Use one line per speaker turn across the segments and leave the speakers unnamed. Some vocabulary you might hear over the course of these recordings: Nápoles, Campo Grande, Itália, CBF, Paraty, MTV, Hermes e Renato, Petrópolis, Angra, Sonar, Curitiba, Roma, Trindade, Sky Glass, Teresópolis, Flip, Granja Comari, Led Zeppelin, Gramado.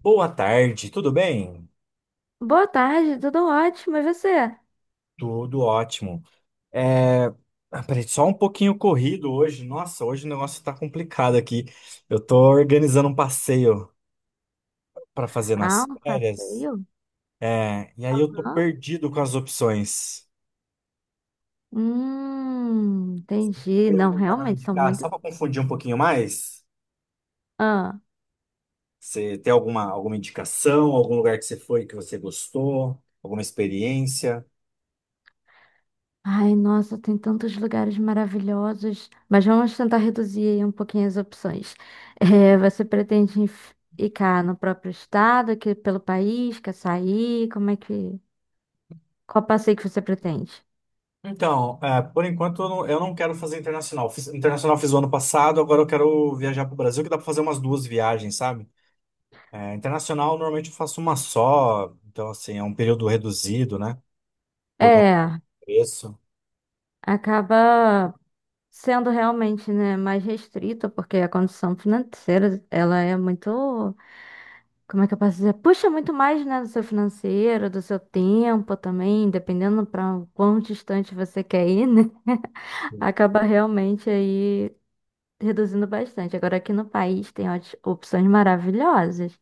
Boa tarde, tudo bem?
Boa tarde, tudo ótimo, e você?
Tudo ótimo. É... ah, peraí, só um pouquinho corrido hoje. Nossa, hoje o negócio tá complicado aqui. Eu tô organizando um passeio pra fazer
Ah,
nas
um
férias.
passeio?
E aí eu tô
Hã?
perdido com as opções.
Entendi.
Tem
Não,
algum lugar pra me
realmente, são
indicar? Só
muitos.
pra confundir um pouquinho mais?
Ah.
Você tem alguma indicação? Algum lugar que você foi que você gostou? Alguma experiência?
Ai, nossa, tem tantos lugares maravilhosos. Mas vamos tentar reduzir aí um pouquinho as opções. É, você pretende ficar no próprio estado, aqui pelo país, quer sair? Como é que... qual passeio que você pretende?
Então, é, por enquanto eu não quero fazer internacional. Internacional fiz o ano passado, agora eu quero viajar para o Brasil, que dá para fazer umas duas viagens, sabe? É, internacional normalmente eu faço uma só, então assim, é um período reduzido, né? Por conta do
É,
preço.
acaba sendo realmente, né, mais restrito, porque a condição financeira, ela é muito... Como é que eu posso dizer? Puxa muito mais, né, do seu financeiro, do seu tempo também, dependendo para quão distante você quer ir, né? Acaba realmente aí reduzindo bastante. Agora aqui no país tem opções maravilhosas,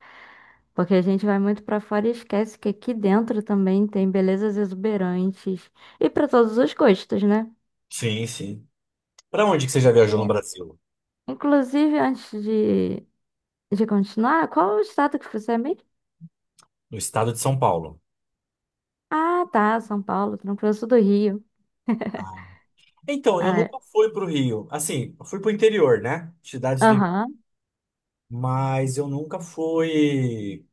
porque a gente vai muito para fora e esquece que aqui dentro também tem belezas exuberantes e para todos os gostos, né?
Sim, sim. Para onde que você já viajou no Brasil?
Inclusive, antes de continuar, qual o estado que você é mesmo?
No estado de São Paulo.
Ah, tá, São Paulo, Trancoso do Rio.
Ah. Então, eu
Ah, é.
nunca fui para o Rio. Assim, eu fui para o interior, né? Cidades do.
Aham.
Mas eu nunca fui.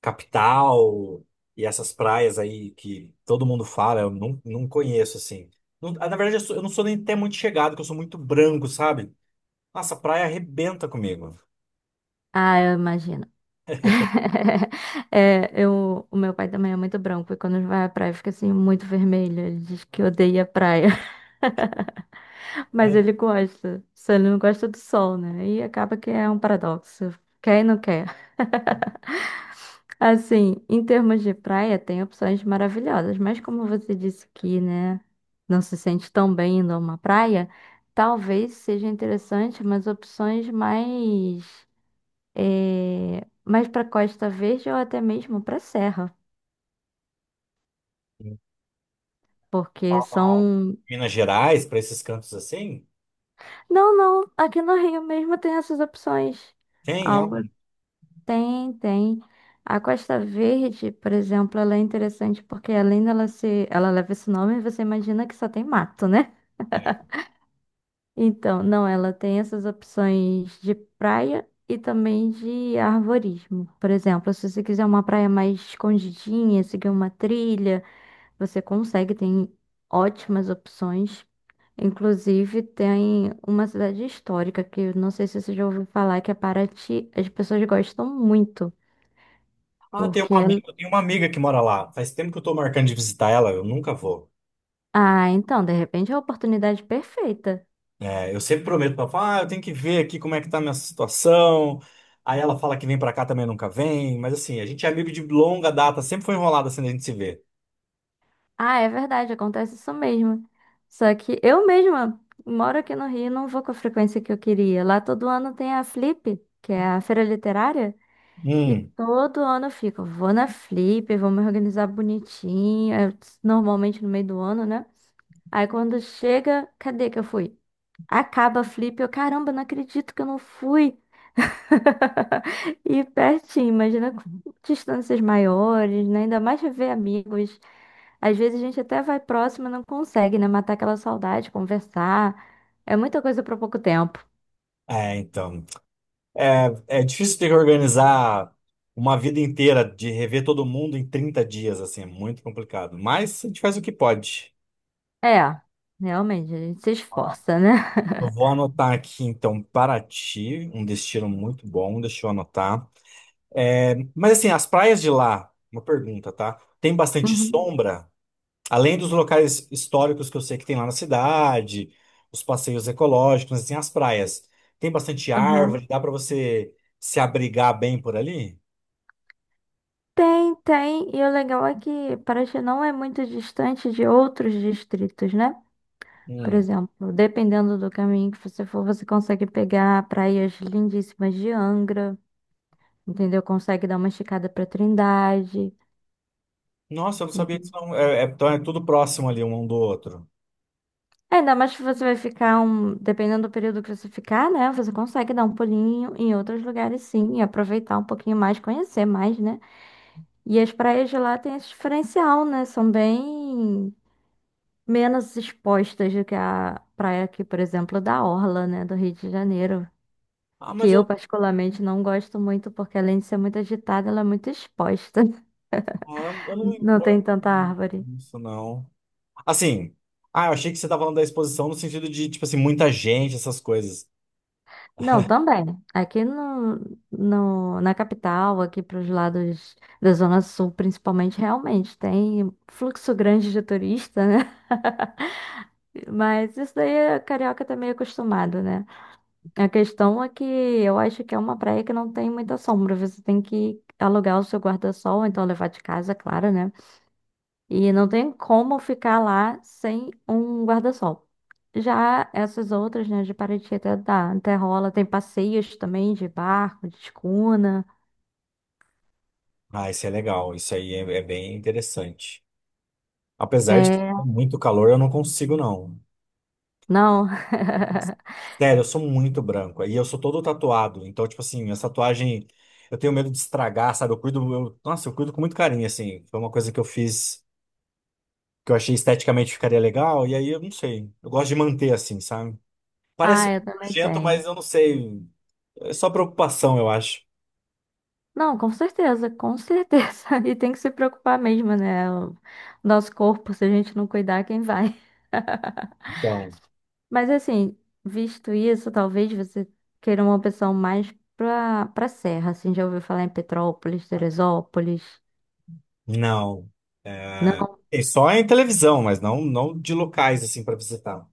Capital e essas praias aí que todo mundo fala, eu não, não conheço, assim. Na verdade, eu não sou nem até muito chegado, que eu sou muito branco, sabe? Nossa, a praia arrebenta comigo.
Ah, eu imagino. É, o meu pai também é muito branco e quando vai à praia fica assim muito vermelho. Ele diz que odeia a praia, mas
Ai,
ele gosta. Só ele não gosta do sol, né? E acaba que é um paradoxo. Quer e não quer. Assim, em termos de praia, tem opções maravilhosas, mas como você disse que, né, não se sente tão bem indo a uma praia, talvez seja interessante umas opções mais, mais para Costa Verde ou até mesmo para Serra. Porque
pra
são...
Minas Gerais, pra esses cantos assim,
Não, não. Aqui no Rio mesmo tem essas opções.
tem, é
Algo
um.
tem, tem. A Costa Verde, por exemplo, ela é interessante porque além dela ser... ela leva esse nome, você imagina que só tem mato, né?
É.
Então, não, ela tem essas opções de praia e também de arvorismo. Por exemplo, se você quiser uma praia mais escondidinha, seguir uma trilha, você consegue, tem ótimas opções. Inclusive, tem uma cidade histórica que eu não sei se você já ouviu falar, que é Paraty. As pessoas gostam muito,
Ah, tem
porque...
uma
é...
amiga, tem uma amiga que mora lá. Faz tempo que eu tô marcando de visitar ela, eu nunca vou.
Ah, então, de repente é a oportunidade perfeita.
É, eu sempre prometo para ela, falo, ah, eu tenho que ver aqui como é que tá a minha situação. Aí ela fala que vem para cá também nunca vem, mas assim, a gente é amigo de longa data, sempre foi enrolado assim a gente se vê.
Ah, é verdade, acontece isso mesmo. Só que eu mesma moro aqui no Rio e não vou com a frequência que eu queria. Lá todo ano tem a Flip, que é a feira literária, e
Hum,
todo ano eu fico, vou na Flip, vou me organizar bonitinho, é normalmente no meio do ano, né? Aí quando chega, cadê que eu fui? Acaba a Flip, caramba, não acredito que eu não fui. E pertinho, imagina com distâncias maiores, né? Ainda mais rever amigos. Às vezes a gente até vai próximo e não consegue, né? Matar aquela saudade, conversar. É muita coisa para pouco tempo.
é, então. É difícil ter que organizar uma vida inteira de rever todo mundo em 30 dias, assim, é muito complicado. Mas a gente faz o que pode.
É, realmente, a gente se
Ó,
esforça, né?
eu vou anotar aqui, então, Paraty, um destino muito bom, deixa eu anotar. É, mas assim, as praias de lá, uma pergunta, tá? Tem bastante
Uhum.
sombra? Além dos locais históricos que eu sei que tem lá na cidade, os passeios ecológicos, tem as praias. Tem bastante
Aham.
árvore, dá para você se abrigar bem por ali?
Tem, tem. E o legal é que Paraty não é muito distante de outros distritos, né? Por
Hum.
exemplo, dependendo do caminho que você for, você consegue pegar praias lindíssimas de Angra, entendeu? Consegue dar uma esticada para Trindade.
Nossa, eu não sabia que isso
Uhum.
então é tudo próximo ali um do outro.
Ainda mais que você vai ficar um, dependendo do período que você ficar, né? Você consegue dar um pulinho em outros lugares, sim, e aproveitar um pouquinho mais, conhecer mais, né? E as praias de lá têm esse diferencial, né? São bem menos expostas do que a praia aqui, por exemplo, da Orla, né? Do Rio de Janeiro.
Ah,
Que
mas eu,
eu particularmente não gosto muito, porque além de ser muito agitada, ela é muito exposta.
ah, eu não me
Não tem
importo
tanta
com
árvore.
isso, não. Assim, ah, eu achei que você estava falando da exposição no sentido de, tipo assim, muita gente, essas coisas.
Não, também. Aqui no, na capital, aqui para os lados da Zona Sul, principalmente, realmente tem fluxo grande de turista, né? Mas isso daí o carioca tá meio acostumado, né? A questão é que eu acho que é uma praia que não tem muita sombra. Você tem que alugar o seu guarda-sol, ou então levar de casa, claro, né? E não tem como ficar lá sem um guarda-sol. Já essas outras, né, de Paraty até dá, até rola. Tem passeios também de barco, de escuna.
Ah, isso é legal, isso aí é bem interessante. Apesar de que é
É,
muito calor, eu não consigo, não.
não.
Nossa, sério, eu sou muito branco. E eu sou todo tatuado. Então, tipo assim, essa tatuagem, eu tenho medo de estragar, sabe? Nossa, eu cuido com muito carinho, assim. Foi uma coisa que eu fiz que eu achei esteticamente ficaria legal. E aí, eu não sei. Eu gosto de manter assim, sabe? Parece
Ah, eu também
nojento, mas
tenho.
eu não sei. É só preocupação, eu acho.
Não, com certeza, com certeza. E tem que se preocupar mesmo, né? O nosso corpo, se a gente não cuidar, quem vai?
Então,
Mas assim, visto isso, talvez você queira uma opção mais pra serra, assim, já ouviu falar em Petrópolis, Teresópolis,
não.
né?
E só em televisão, mas não, não de locais, assim, pra visitar.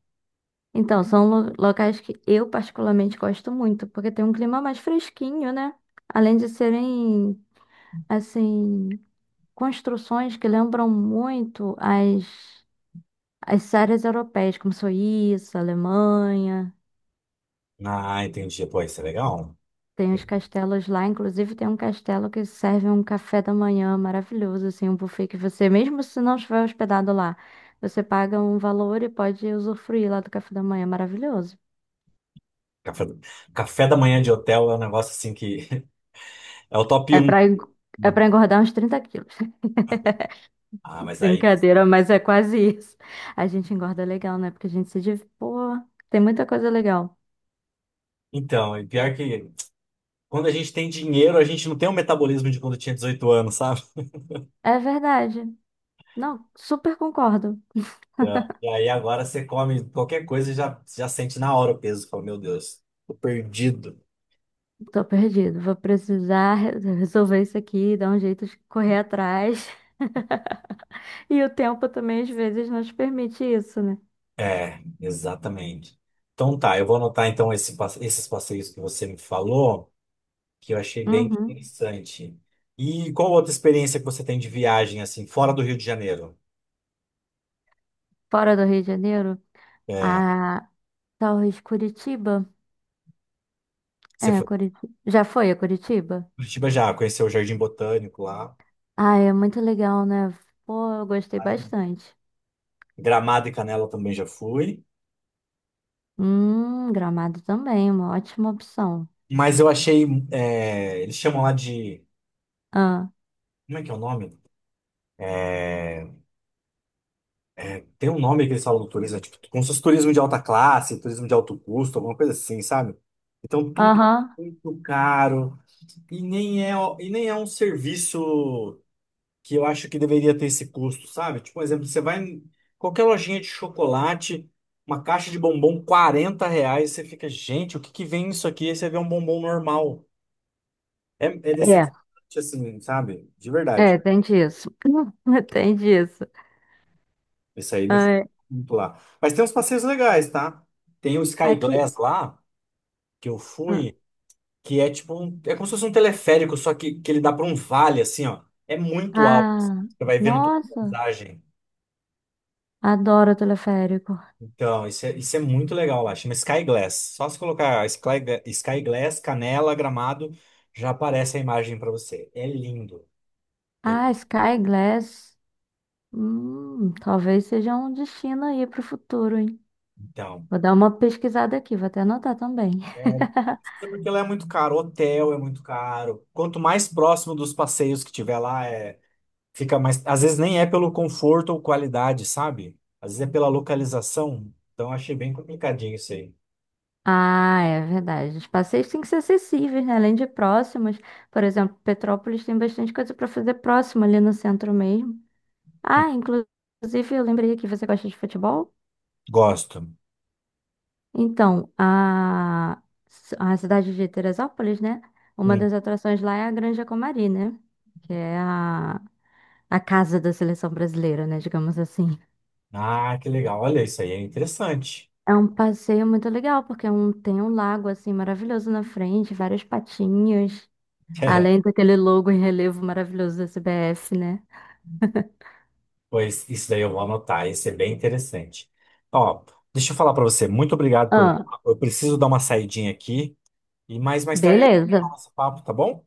Então, são locais que eu particularmente gosto muito, porque tem um clima mais fresquinho, né? Além de serem, assim, construções que lembram muito as séries europeias, como Suíça, Alemanha.
Ah, entendi. Pô, isso é legal.
Tem os castelos lá, inclusive tem um castelo que serve um café da manhã maravilhoso, assim, um buffet que você, mesmo se não estiver hospedado lá, você paga um valor e pode usufruir lá do café da manhã maravilhoso.
Café, café da manhã de hotel é um negócio assim que é o top
É
um.
para é para engordar uns 30 quilos.
Ah, mas aí.
Brincadeira, mas é quase isso. A gente engorda legal, né? Porque a gente se div... Pô, tem muita coisa legal.
Então, e pior que quando a gente tem dinheiro, a gente não tem o metabolismo de quando tinha 18 anos, sabe?
É verdade. Não, super concordo.
Então, e aí agora você come qualquer coisa e já sente na hora o peso. Você fala, meu Deus, tô perdido.
Tô perdido. Vou precisar resolver isso aqui, dar um jeito de correr atrás. E o tempo também, às vezes, nos permite isso, né?
É, exatamente. Então tá, eu vou anotar então esses passeios que você me falou, que eu achei bem
Uhum.
interessante. E qual outra experiência que você tem de viagem, assim, fora do Rio de Janeiro?
Fora do Rio de Janeiro,
É,
a talvez Curitiba.
você
É,
foi para
Curitiba. Já foi a Curitiba?
Curitiba já, conheceu o Jardim Botânico lá.
Ah, é muito legal, né? Pô, eu gostei bastante.
Gramado e Canela também já fui.
Gramado também, uma ótima opção.
Mas eu achei. É, eles chamam lá de.
Ah,
Como é que é o nome? É, tem um nome que eles falam do turismo, é tipo, como se fosse turismo de alta classe, turismo de alto custo, alguma coisa assim, sabe? Então tudo
aham,
é muito caro e nem é, e nem é um serviço que eu acho que deveria ter esse custo, sabe? Tipo, por exemplo, você vai em qualquer lojinha de chocolate, uma caixa de bombom, R$ 40, você fica, gente, o que que vem isso aqui? Aí você vê um bombom normal. É
é,
decepcionante, assim, sabe? De
é,
verdade.
tem disso. Tem disso.
Esse aí me foi
Ai,
muito lá. Mas tem uns passeios legais, tá? Tem o Sky
aqui,
Glass lá, que eu
ah,
fui, que é tipo um, é como se fosse um teleférico, só que ele dá para um vale, assim, ó. É muito alto, assim.
ah,
Você vai vendo toda a
nossa,
paisagem.
adoro teleférico.
Então, isso é muito legal lá. Chama Sky Glass. Só se colocar Sky Glass, Canela, Gramado, já aparece a imagem para você. É lindo.
Ah, Sky Glass, talvez seja um destino aí para o futuro, hein?
Então,
Vou dar uma pesquisada aqui, vou até anotar também.
é, porque lá é muito caro. Hotel é muito caro. Quanto mais próximo dos passeios que tiver lá, fica mais. Às vezes nem é pelo conforto ou qualidade, sabe? Às vezes é pela localização. Então achei bem complicadinho isso aí.
Ah, é verdade. Os passeios têm que ser acessíveis, né? Além de próximos. Por exemplo, Petrópolis tem bastante coisa para fazer próximo ali no centro mesmo.
Hum.
Ah, inclusive eu lembrei que você gosta de futebol.
Gosto.
Então, a cidade de Teresópolis, né? Uma
Hum.
das atrações lá é a Granja Comari, né? Que é a casa da seleção brasileira, né? Digamos assim.
Ah, que legal. Olha, isso aí é interessante.
É um passeio muito legal, porque é um... tem um lago assim maravilhoso na frente, vários patinhos. Além daquele logo em relevo maravilhoso da CBF, né?
Pois isso daí eu vou anotar. Isso é bem interessante. Ó, deixa eu falar para você. Muito obrigado pelo
Ah,
papo. Eu preciso dar uma saidinha aqui. E mais tarde,
beleza.
nosso papo, tá bom?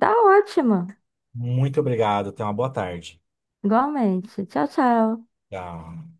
Tá ótimo.
Muito obrigado. Tenha uma boa tarde.
Igualmente. Tchau, tchau.
Tchau.